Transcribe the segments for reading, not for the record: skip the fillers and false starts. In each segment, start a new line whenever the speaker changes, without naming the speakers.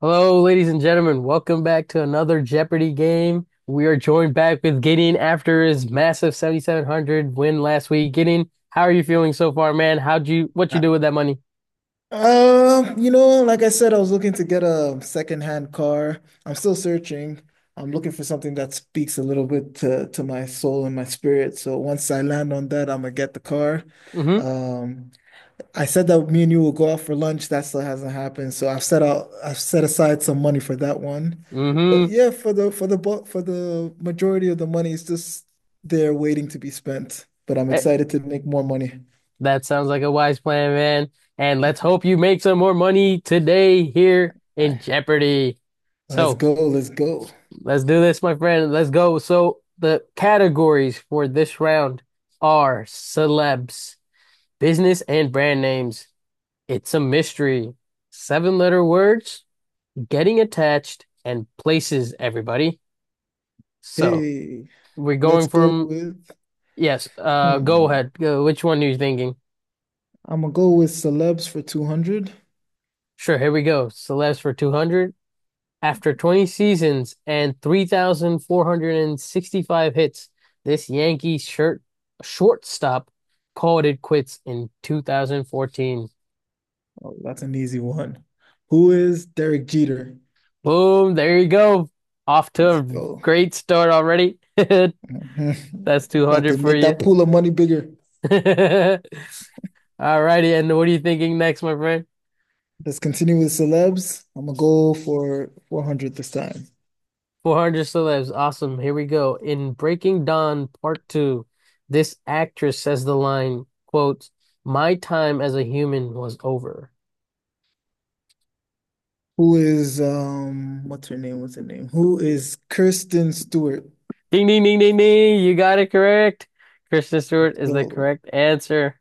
Hello, ladies and gentlemen. Welcome back to another Jeopardy game. We are joined back with Gideon after his massive 7,700 win last week. Gideon, how are you feeling so far, man? What you
Uh,
do with that money?
Like I said, I was looking to get a secondhand car. I'm still searching. I'm looking for something that speaks a little bit to my soul and my spirit. So once I land on that, I'm gonna get the car.
Mm-hmm.
Um, I said that me and you will go out for lunch. That still hasn't happened. So I've set aside some money for that one. But
Mm-hmm.
yeah, for the majority of the money is just there waiting to be spent. But I'm
Eh,
excited to make more money.
That sounds like a wise plan, man. And let's hope you make some more money today here in
I,
Jeopardy.
let's
So
go, let's go.
let's do this, my friend. Let's go. So the categories for this round are celebs, business, and brand names. It's a mystery. Seven letter words, getting attached, and places, everybody. So,
Hey,
we're going
let's go
from,
with,
yes, go
hmm,
ahead. Which one are you thinking?
I'm gonna go with celebs for 200.
Sure, here we go. Celeste for 200. After 20 seasons and 3,465 hits, this Yankee shirt shortstop called it quits in 2014.
Oh, that's an easy one. Who is Derek Jeter?
Boom, there you go. Off to
Let's
a
go.
great start already. That's
Mhm. About
200
to
for
make
you.
that pool of money bigger.
All righty, and what are you thinking next, my friend?
Let's continue with celebs. I'm gonna go for 400 this time.
400 celebs. Awesome. Here we go. In Breaking Dawn Part 2, this actress says the line, quote, "My time as a human was over."
Who is, what's her name? What's her name? Who is Kirsten Stewart?
Ding, ding, ding, ding, ding. You got it correct. Kristen Stewart
Let's
is the
go.
correct answer.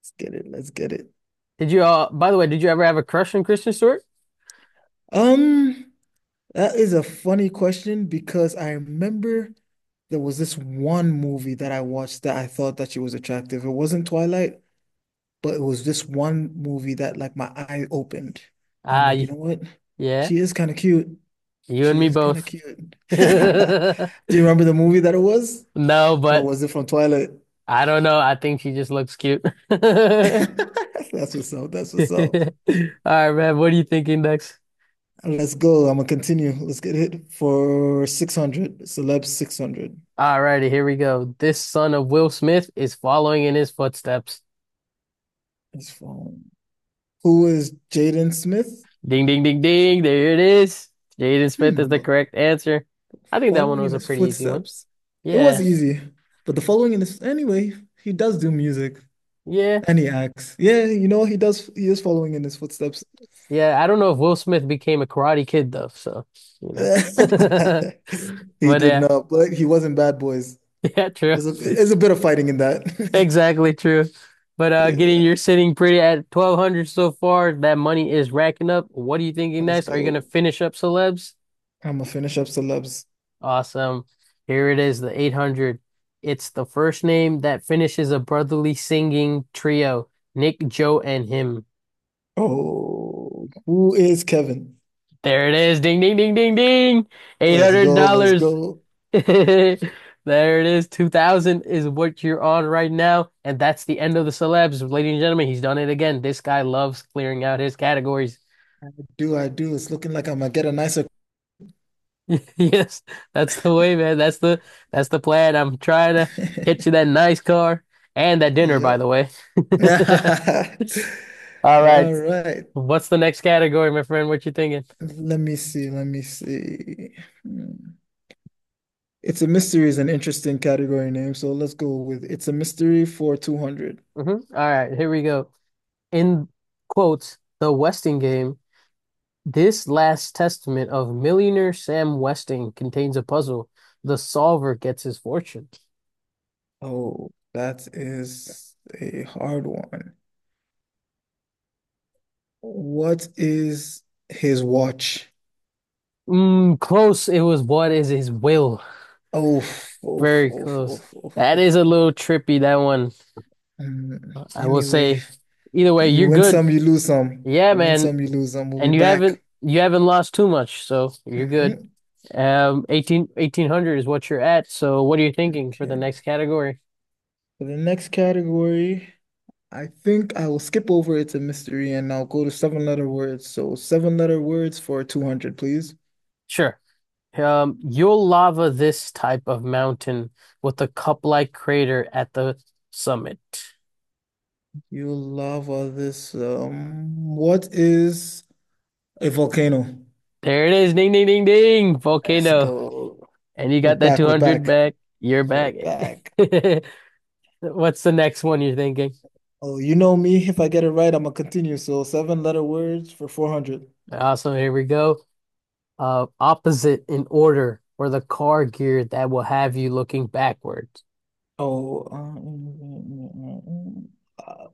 Let's get it. Let's get it.
Did you By the way, did you ever have a crush on Kristen Stewart?
Um, that is a funny question because I remember there was this one movie that I watched that I thought that she was attractive. It wasn't Twilight, but it was this one movie that like my eye opened. And I'm
Ah,
like, you
y-
know what?
yeah.
She is kind of cute.
You and
She
me
is kind of
both.
cute. Do you remember the movie that it was?
No,
Or
but
was it from Twilight?
I don't know. I think she just looks cute. All right,
That's what's up. That's what's up.
man. What are you thinking next?
Let's go. I'm gonna continue. Let's get hit for 600. Celeb 600.
Alrighty, here we go. This son of Will Smith is following in his footsteps.
It's phone. Who is Jaden Smith?
Ding, ding, ding, ding. There it is. Jaden Smith is
Hmm.
the correct answer. I think that one
Following
was
in
a
his
pretty easy one.
footsteps. It
Yeah,
was easy, but the following in his anyway, he does do music
yeah,
and he acts. Yeah, you know, he is following in his footsteps.
yeah. I don't know if Will Smith became a Karate Kid though, you know.
He
But
did
uh,
not, but he wasn't Bad Boys.
yeah, true.
There's a there's a bit of fighting in that.
Exactly true. But getting
Yeah,
you're sitting pretty at 1200 so far. That money is racking up. What are you thinking
let's
next? Are you gonna
go.
finish up celebs?
I'm gonna finish up celebs.
Awesome. Here it is, the 800. It's the first name that finishes a brotherly singing trio, Nick, Joe, and him.
Oh, who is Kevin?
There it is. Ding, ding, ding, ding, ding.
Let's go, let's
$800.
go.
There it is. 2000 is what you're on right now. And that's the end of the celebs. Ladies and gentlemen, he's done it again. This guy loves clearing out his categories.
Do I do? It's looking like I'm gonna get a nicer.
Yes, that's the way, man. That's the plan. I'm trying to get you that nice car and that dinner, by
Yep.
the way.
All
All right.
right.
What's the next category, my friend? What you thinking?
Let me see. Let me see. Hmm. It's a mystery is an interesting category name, so let's go with it's a mystery for 200.
All right, here we go. In quotes, the Westing game, this last testament of millionaire Sam Westing contains a puzzle. The solver gets his fortune.
Oh, that is a hard one. What is his watch?
Mm, close. It was what is his will?
Oh, oh,
Very
oh, oh,
close. That
oh,
is a
oh.
little trippy, that one. I will
Anyway,
say, either way,
you
you're
win
good.
some, you lose some.
Yeah,
You win
man.
some, you lose some. We'll be
And you haven't
back.
you haven't lost too much, so you're good.
Mhm.
Eighteen hundred is what you're at. So what are you thinking for the
Okay.
next category?
For the next category, I think I will skip over it's a mystery and I'll go to seven letter words. So seven letter words for 200, please.
Sure. You'll lava this type of mountain with a cup-like crater at the summit.
You love all this. What is a volcano?
There it is. Ding, ding, ding, ding.
Let's
Volcano.
go.
And you
We're
got that
back. We're
200
back.
back. You're
We're
back.
back.
What's the next one you're thinking?
Oh, you know me. If I get it right, I'm gonna continue. So seven letter words for 400.
Awesome. Here we go. Opposite in order for the car gear that will have you looking backwards.
Oh, uh, uh,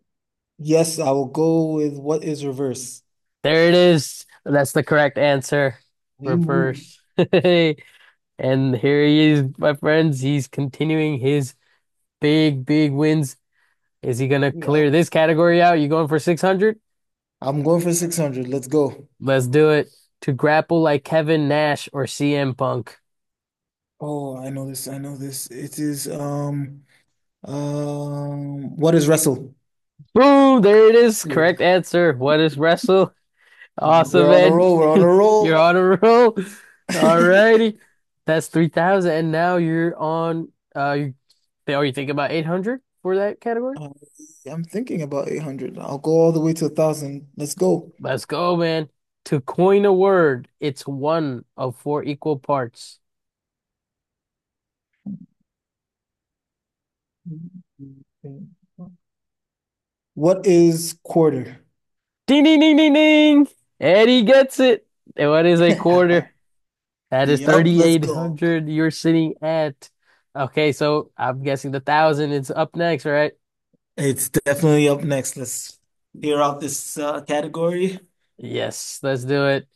yes, I will go with what is reverse.
There it is. That's the correct answer.
We move.
Reverse. And here he is, my friends. He's continuing his big, big wins. Is he gonna
Yep.
clear this category out? You going for 600?
I'm going for 600. Let's go.
Let's do it. To grapple like Kevin Nash or CM Punk.
Oh, I know this. I know this. It is what is wrestle?
Boom, there it is.
Yeah.
Correct answer. What is wrestle? Awesome,
We're on a
man!
roll. We're on a
You're
roll.
on a roll. Alrighty. That's 3,000. And now uh, you, are you thinking about 800 for that category?
Uh, I'm thinking about 800. I'll go all the way to a 1,000. Let's go.
Let's go, man. To coin a word, it's one of four equal parts.
What is quarter?
Ding, ding, ding, ding, ding. Eddie gets it. And what is a quarter? That is
Yep, let's go.
3,800. Okay, so I'm guessing the thousand is up next, right?
It's definitely up next. Let's hear out this category.
Yes, let's do it.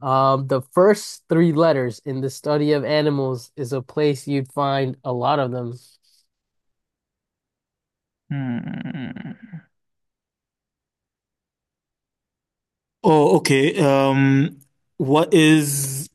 The first three letters in the study of animals is a place you'd find a lot of them.
Hmm. Oh, okay. What is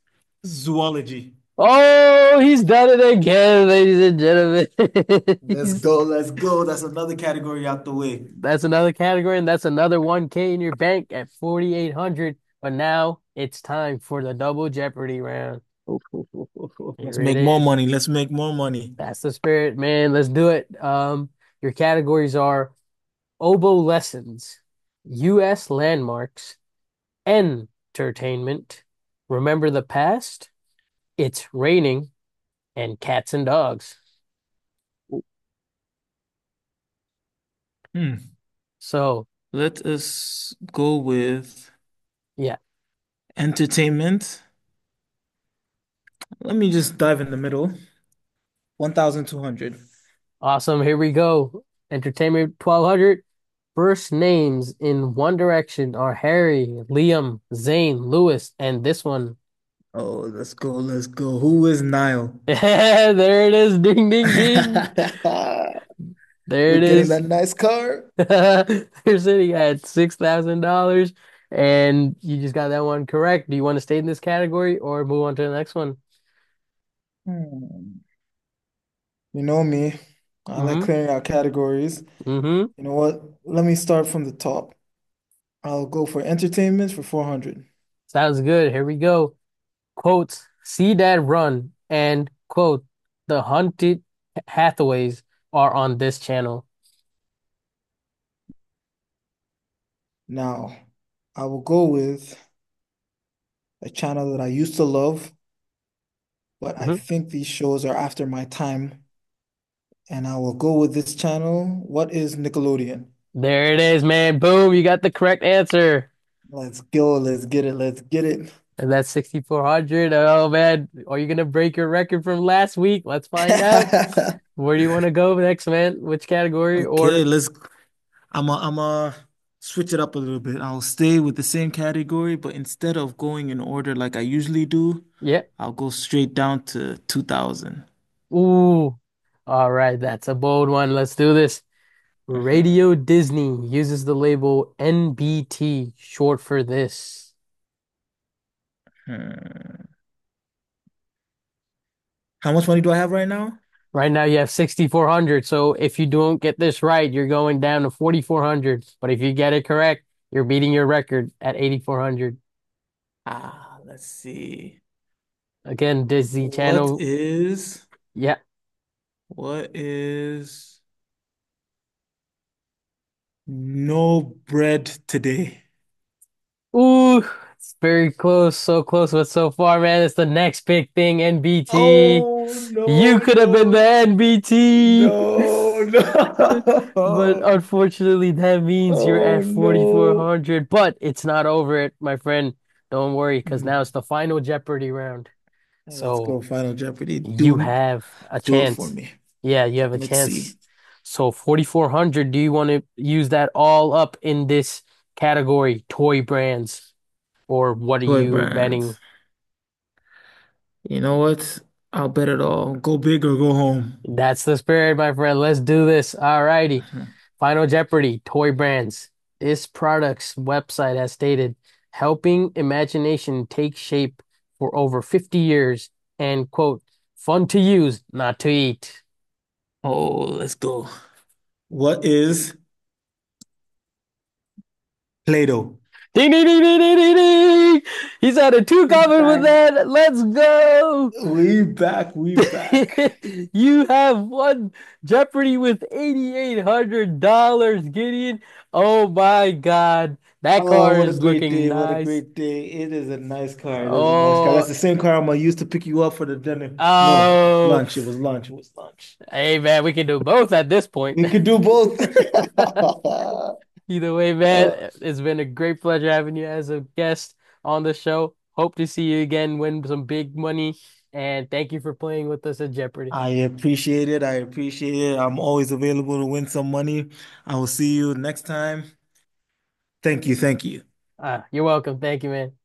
zoology?
Oh, he's done it again, ladies and gentlemen.
Let's
He's,
go. Let's go. That's another category out the way.
that's another category, and that's another 1K in your bank at 4,800. But now it's time for the double Jeopardy round.
Oh, oh, oh, oh, oh.
Here
Let's
it
make more
is.
money. Let's make more money.
That's the spirit, man. Let's do it. Your categories are oboe lessons, U.S. landmarks, entertainment. Remember the past? It's raining and cats and dogs.
Hmm.
So,
Let us go with
yeah,
entertainment. Let me just dive in the middle. 1,200.
awesome. Here we go. Entertainment 1200. First names in One Direction are Harry, Liam, Zayn, Lewis, and this one.
Oh, let's go. Let's go. Who is Niall?
Yeah, there it is. Ding, ding, ding. There
We're
it
getting
is.
that nice car.
You're sitting at $6,000 and you just got that one correct. Do you want to stay in this category or move on to the next one?
Hmm. You know me. I like
Mm-hmm.
clearing out categories.
Mm-hmm.
You know what? Let me start from the top. I'll go for entertainment for 400.
Sounds good. Here we go. Quote, see that run, and quote, the hunted Hathaways are on this channel.
Now, I will go with a channel that I used to love, but I
hmm
think these shows are after my time. And I will go with this channel. What is Nickelodeon?
There it is, man. Boom, you got the correct answer.
Let's go. Let's get it. Let's get it.
And that's 6,400. Oh, man. Are you gonna break your record from last week? Let's find out. Where do you want to go next, man? Which category?
Okay,
Or,
let's. I'm a switch it up a little bit. I'll stay with the same category, but instead of going in order like I usually do,
yeah.
I'll go straight down to 2000.
Ooh. All right. That's a bold one. Let's do this.
Mhm,
Radio Disney uses the label NBT, short for this.
mhm. How much money do I have right now?
Right now you have 6,400. So if you don't get this right, you're going down to 4,400. But if you get it correct, you're beating your record at 8,400.
Ah, let's see.
Again, Disney
What
Channel.
is
Yeah.
what is no bread today?
Ooh, it's very close. So close, but so far, man. It's the next big thing, NBT.
Oh,
You
no,
could have been the
no,
NBT.
no,
But
no.
unfortunately, that means you're
Oh
at
no.
4,400. But it's not over it, my friend. Don't worry, because now it's
Mm.
the final Jeopardy round.
Let's
So
go Final Jeopardy.
you have a
Do it for
chance.
me.
Yeah, you have a
Let's
chance.
see.
So 4,400, do you want to use that all up in this category, toy brands? Or what are
Toy
you betting?
brands. You know what? I'll bet it all. Go big or go home.
That's the spirit, my friend. Let's do this. All righty.
Mhm.
Final Jeopardy, toy brands. This product's website has stated helping imagination take shape for over 50 years and, quote, fun to use, not to eat.
Oh, let's go. What is Play-Doh?
Ding, ding, ding, ding, ding, ding, ding. He's had a two
We
comment with
back.
that. Let's go.
We back. We back.
You have won Jeopardy with $8,800, Gideon. Oh my God. That
Oh,
car
what a
is
great
looking
day. What a
nice.
great day. It is a nice car. It is a nice car.
Oh,
That's the same car I'm gonna use to pick you up for the dinner. No,
oh.
lunch. It was lunch. It was lunch.
Hey, man, we can do both at this point.
We could do both.
Either way, man,
Uh,
it's been a great pleasure having you as a guest on the show. Hope to see you again, win some big money, and thank you for playing with us at Jeopardy.
I appreciate it. I appreciate it. I'm always available to win some money. I will see you next time. Thank you. Thank you.
Ah, you're welcome. Thank you, man.